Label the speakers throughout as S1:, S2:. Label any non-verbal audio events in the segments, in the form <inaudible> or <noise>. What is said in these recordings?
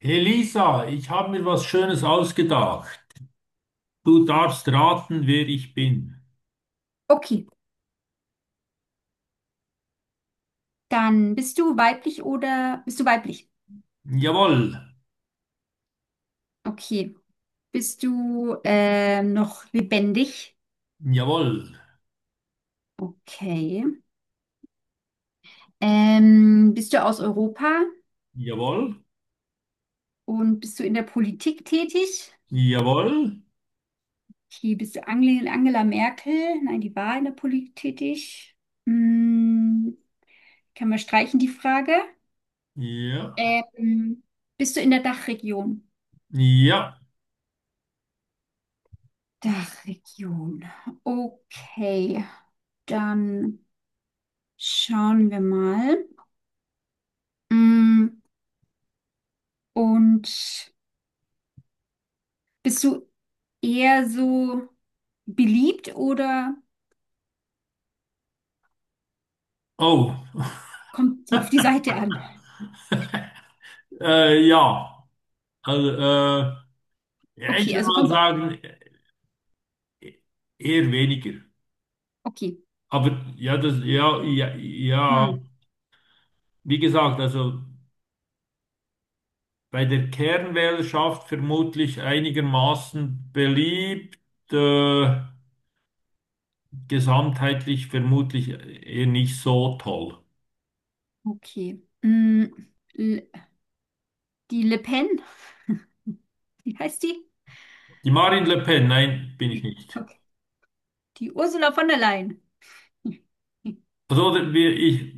S1: Elisa, ich habe mir was Schönes ausgedacht. Du darfst raten, wer ich bin.
S2: Okay, dann bist du weiblich oder bist du weiblich?
S1: Jawohl,
S2: Okay. Bist du noch lebendig?
S1: jawohl,
S2: Okay. Bist du aus Europa
S1: jawohl,
S2: und bist du in der Politik tätig?
S1: jawohl,
S2: Okay, bist du Angela Merkel? Nein, die war in der Politik tätig. Hm, kann man streichen die Frage?
S1: ja,
S2: Ähm, bist du in der Dachregion?
S1: ja.
S2: Dachregion. Okay, dann schauen wir mal. Mm, Und bist du eher so beliebt oder
S1: Oh, <laughs>
S2: kommt es auf die Seite an?
S1: ja. Also, ja, ich
S2: Okay,
S1: würde
S2: also
S1: mal
S2: kommt.
S1: sagen, e- eher weniger.
S2: Okay.
S1: Aber ja, ja, ja,
S2: Hm,
S1: ja. Wie gesagt, also bei der Kernwählerschaft vermutlich einigermaßen beliebt. Äh, Gesamtheitlich vermutlich eher nicht so toll.
S2: okay. Hm, L- die Le Pen, <laughs> wie heißt die?
S1: Die Marine Le Pen, nein, bin ich nicht.
S2: Okay. Die Ursula von der Leyen. <laughs>
S1: Ich,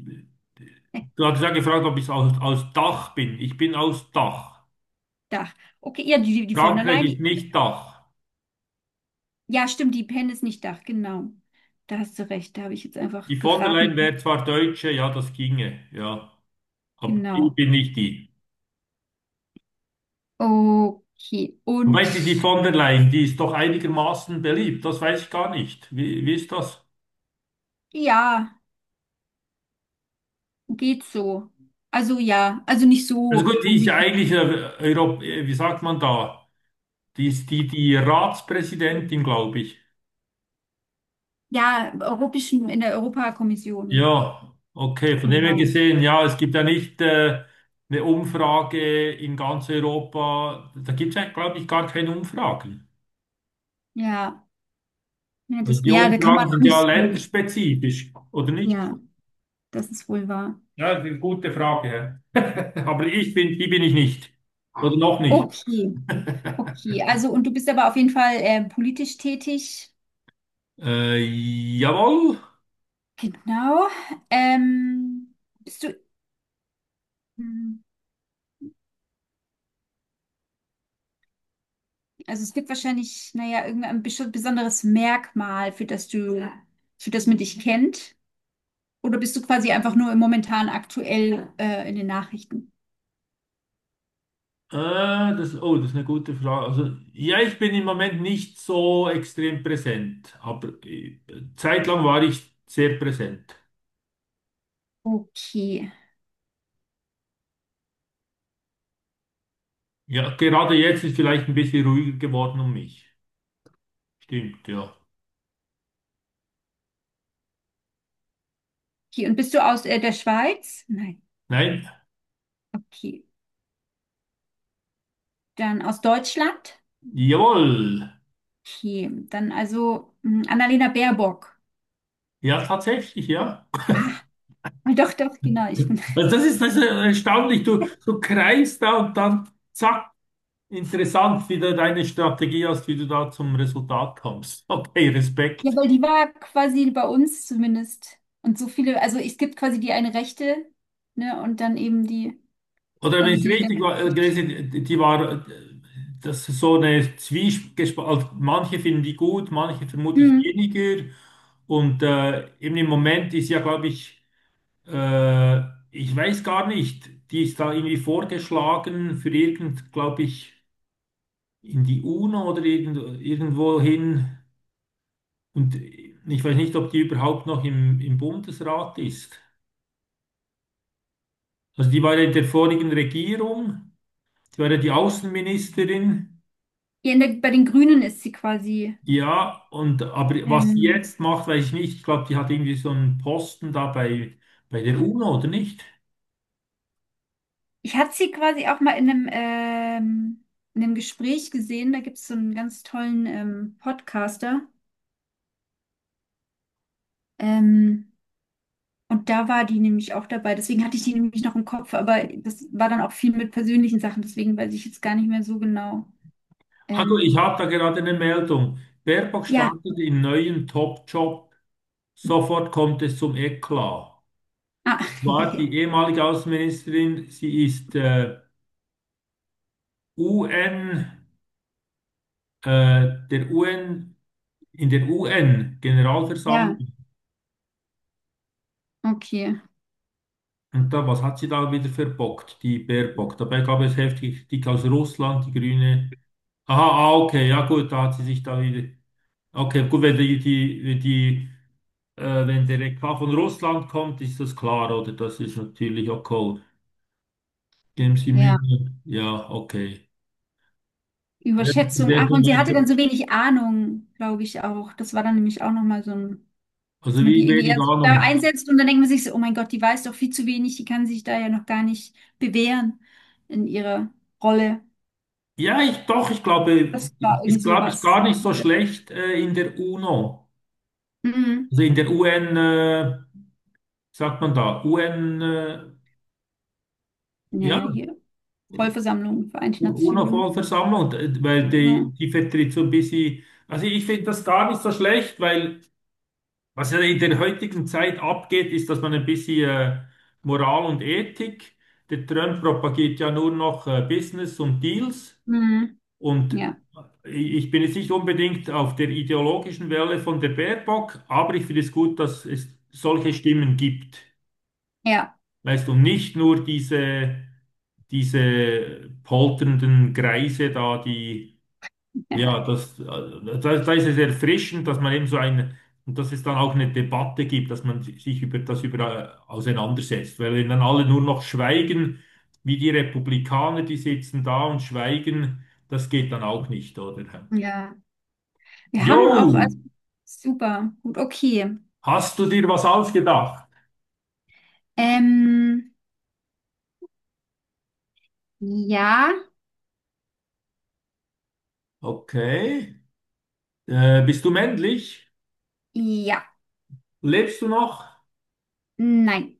S1: du hast ja gefragt, ob ich aus Dach bin. Ich bin aus Dach.
S2: Dach. Okay, ja, die von der
S1: Frankreich
S2: Leyen.
S1: ist nicht Dach.
S2: Ja, stimmt, die Pen ist nicht Dach, genau. Da hast du recht, da habe ich jetzt
S1: Die
S2: einfach
S1: von der Leyen wäre
S2: geraten.
S1: zwar Deutsche, ja, das ginge, ja. Aber ich
S2: Genau.
S1: bin nicht die.
S2: Okay.
S1: Wobei
S2: Und
S1: die, die von der Leyen, die ist doch einigermaßen beliebt. Das weiß ich gar nicht. Wie ist das?
S2: ja. Geht so. Also ja, also nicht
S1: Also
S2: so
S1: gut, die ist ja
S2: unbedingt.
S1: eigentlich, wie sagt man da? Die Ratspräsidentin, glaube ich.
S2: Ja, europäischen, in der Europakommission.
S1: Ja, okay. Von dem her
S2: Genau.
S1: gesehen, ja, es gibt ja nicht eine Umfrage in ganz Europa. Da gibt es ja, glaube ich, gar keine Umfragen.
S2: Ja. Ja,
S1: Also die
S2: ja, da kann man
S1: Umfragen
S2: auch
S1: sind ja
S2: nicht so.
S1: länderspezifisch, oder nicht?
S2: Ja, das ist wohl wahr.
S1: Ja, das ist eine gute Frage. Hä? <laughs> Aber ich die bin ich nicht. Oder noch nicht.
S2: Okay. Okay. Also, und du bist aber auf jeden Fall politisch tätig.
S1: Äh, Jawohl.
S2: Genau. Ähm, bist du, hm, also es gibt wahrscheinlich, naja, irgendein besonderes Merkmal, für das man dich kennt. Oder bist du quasi einfach nur im momentan aktuell in den Nachrichten?
S1: Äh, oh, das ist eine gute Frage. Also, ja, ich bin im Moment nicht so extrem präsent, aber zeitlang war ich sehr präsent.
S2: Okay.
S1: Ja, gerade jetzt ist vielleicht ein bisschen ruhiger geworden um mich. Stimmt, ja.
S2: Okay. Und bist du aus der Schweiz? Nein.
S1: Nein,
S2: Okay. Dann aus Deutschland?
S1: jawohl.
S2: Okay. Dann also mh, Annalena Baerbock.
S1: Ja, tatsächlich, ja.
S2: Ah, <laughs> doch, doch, genau. Ich bin. <laughs>
S1: Das ist erstaunlich. Du kreist da und dann zack, interessant, wie du deine Strategie hast, wie du da zum Resultat kommst. <laughs> Okay,
S2: Ja,
S1: Respekt.
S2: weil die war quasi bei uns zumindest. Und so viele, also es gibt quasi die eine Rechte, ne? Und dann eben die,
S1: Oder wenn
S2: also
S1: ich es
S2: die ganz.
S1: richtig war, gelesen, die war, das ist so eine Zwiespalt. Also manche finden die gut, manche vermutlich
S2: Mhm.
S1: weniger. Und eben im Moment ist ja, glaube ich, Äh, ich weiß gar nicht. Die ist da irgendwie vorgeschlagen für irgend, glaube ich, in die UNO oder irgendwo hin. Und ich weiß nicht, ob die überhaupt noch im Bundesrat ist. Also die war ja in der vorigen Regierung, die war ja die Außenministerin.
S2: Ja, in der, bei den Grünen ist sie quasi.
S1: Ja, und aber was sie
S2: Ähm,
S1: jetzt macht, weiß ich nicht. Ich glaube, die hat irgendwie so einen Posten da bei der UNO, oder nicht?
S2: Ich hatte sie quasi auch mal in einem Gespräch gesehen. Da gibt es so einen ganz tollen Podcaster. Ähm, und da war die nämlich auch dabei. Deswegen hatte ich die nämlich noch im Kopf. Aber das war dann auch viel mit persönlichen Sachen. Deswegen weiß ich jetzt gar nicht mehr so genau.
S1: Also ich
S2: Ähm,
S1: habe da gerade eine Meldung. Baerbock
S2: ja.
S1: startet in neuen Top-Job. Sofort kommt es zum Eklat.
S2: Ah.
S1: War die
S2: <laughs>
S1: ehemalige Außenministerin, sie ist UN, äh, der UN, in der UN-Generalversammlung.
S2: Ja, okay.
S1: Und da, was hat sie da wieder verbockt, die Baerbock? Dabei gab es heftig Kritik aus Russland, die Grüne. Aha, ah, okay, ja gut, da hat sie sich da wieder. Okay, gut, wenn die, wenn der Eklat von Russland kommt, ist das klar, oder? Das ist natürlich okay. Geben Sie Mühe.
S2: Ja.
S1: Ja, okay.
S2: Überschätzung.
S1: Sehr
S2: Ach,
S1: viel
S2: und sie hatte dann
S1: Leute.
S2: so wenig Ahnung, glaube ich auch. Das war dann nämlich auch nochmal so ein. Dass
S1: Also
S2: man
S1: wie
S2: die irgendwie
S1: wenig
S2: eher so da
S1: Ahnung.
S2: einsetzt und dann denkt man sich so, oh mein Gott, die weiß doch viel zu wenig, die kann sich da ja noch gar nicht bewähren in ihrer Rolle.
S1: Ich glaube,
S2: Das war
S1: die
S2: irgend
S1: ist, glaube ich,
S2: sowas.
S1: gar nicht so schlecht in der UNO.
S2: Mhm.
S1: Also in der UN, sagt man da, UN, ja,
S2: Naja, hier. Vollversammlung, Vereinte Nationen.
S1: UNO-Vollversammlung, weil
S2: Ja.
S1: die vertritt so ein bisschen, also ich finde das gar nicht so schlecht, weil was ja in der heutigen Zeit abgeht, ist, dass man ein bisschen Moral und Ethik, der Trump propagiert ja nur noch Business und Deals.
S2: Mhm.
S1: Und
S2: Ja.
S1: ich bin jetzt nicht unbedingt auf der ideologischen Welle von der Baerbock, aber ich finde es gut, dass es solche Stimmen gibt.
S2: Ja.
S1: Weißt du, nicht nur diese polternden Greise da, die, ja,
S2: <laughs>
S1: da ist es erfrischend, dass man eben so eine, und dass es dann auch eine Debatte gibt, dass man sich über das über auseinandersetzt. Weil wenn dann alle nur noch schweigen, wie die Republikaner, die sitzen da und schweigen, das geht dann auch nicht, oder?
S2: Ja. Wir
S1: Jo,
S2: haben auch, also, super, gut, okay.
S1: hast du dir was ausgedacht?
S2: Ähm, ja,
S1: Okay. Bist du männlich?
S2: ja,
S1: Lebst du noch?
S2: nein,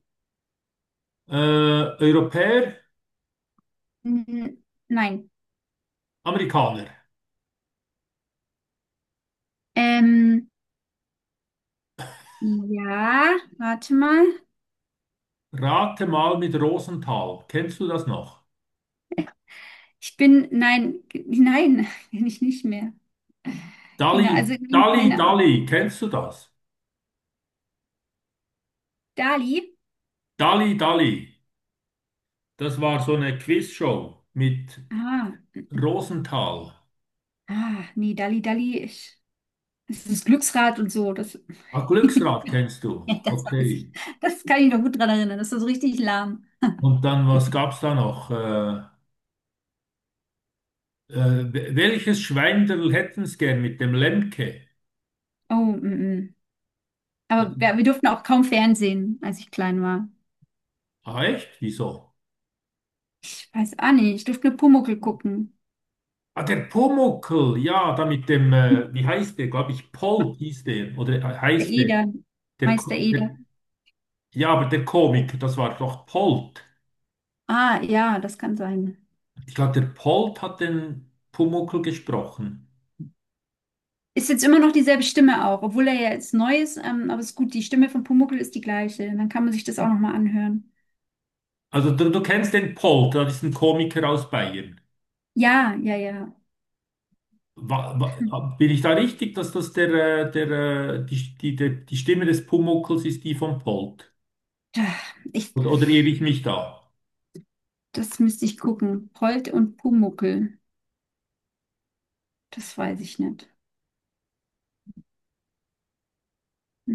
S1: Äh, Europäer?
S2: N- nein.
S1: Amerikaner?
S2: Ähm, ja, warte mal.
S1: Rate mal mit Rosenthal. Kennst du das noch?
S2: Nein, nein, <laughs> bin ich nicht mehr. Genau, also nein, keine.
S1: Dalli. Kennst du das?
S2: Dali?
S1: Dalli, Dalli. Das war so eine Quizshow mit
S2: Ah,
S1: Rosenthal.
S2: ah, nee, Dali, das ist das Glücksrad und so. Das,
S1: Ah,
S2: <laughs>
S1: Glücksrad kennst du.
S2: ja, das weiß ich.
S1: Okay.
S2: Das kann ich noch gut dran erinnern. Das war so richtig lahm.
S1: Und dann, was gab's da noch? Welches Schweinderl hätten's gern mit dem Lemke?
S2: Oh, mm.
S1: Das,
S2: Aber wir durften auch kaum Fernsehen, als ich klein war.
S1: ah, echt? Wieso?
S2: Ich weiß auch nicht, ich durfte nur Pumuckl gucken.
S1: Ah, der Pumuckl, ja, da mit dem, wie
S2: <laughs>
S1: heißt der? Glaube ich, Polt hieß der, oder
S2: Meister
S1: heißt der.
S2: Eder, Meister Eder.
S1: Der. Ja, aber der Komiker, das war doch Polt.
S2: Ah, ja, das kann sein.
S1: Ich glaube, der Polt hat den Pumuckl gesprochen.
S2: Ist jetzt immer noch dieselbe Stimme auch, obwohl er ja jetzt neu ist, aber ist gut, die Stimme von Pumuckl ist die gleiche. Dann kann man sich das auch nochmal anhören.
S1: Also du kennst den Polt, das ist ein Komiker aus Bayern.
S2: Ja, ja, ja.
S1: Bin ich da richtig, dass das der, der, die, die, der, die Stimme des Pumuckls ist die von Polt?
S2: Da, ich,
S1: Oder irre ich mich da?
S2: das müsste ich gucken. Holt und Pumuckl, das weiß ich nicht.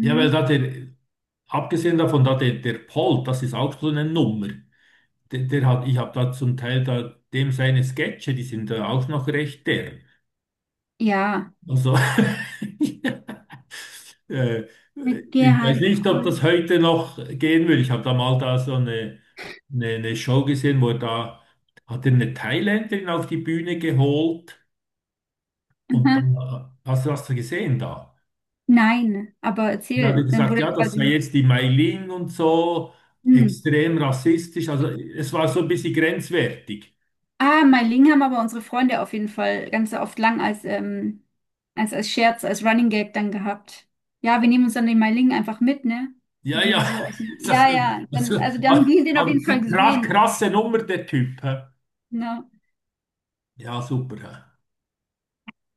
S1: Ja, weil abgesehen davon, da der Polt, das ist auch so eine Nummer. Der hat, ich habe da zum Teil da dem seine Sketche, die sind da auch noch recht der.
S2: Ja,
S1: Also <laughs> äh,
S2: mit
S1: ich weiß
S2: Gerhard
S1: nicht, ob
S2: Polt.
S1: das heute noch gehen will. Ich habe da mal da so eine Show gesehen, wo er da hat er eine Thailänderin auf die Bühne geholt und
S2: Aha.
S1: dann hast du das gesehen da?
S2: Nein, aber
S1: Da hat er
S2: erzähl, dann
S1: gesagt,
S2: wurde
S1: ja, das sei
S2: quasi.
S1: jetzt die Mailin und so,
S2: Hm.
S1: extrem rassistisch. Also es war so ein bisschen grenzwertig.
S2: Ah, Meiling haben aber unsere Freunde auf jeden Fall ganz oft lang als, als, als Scherz, als Running Gag dann gehabt. Ja, wir nehmen uns dann den Meiling einfach mit, ne?
S1: Ja, ja,
S2: Irgendwie so aus dem,
S1: <laughs> das,
S2: ja, ja, dann,
S1: also,
S2: also dann haben die den auf
S1: aber
S2: jeden Fall
S1: krass,
S2: gesehen.
S1: krasse Nummer, der Typ. Hä?
S2: Ne?
S1: Ja, super. Hä?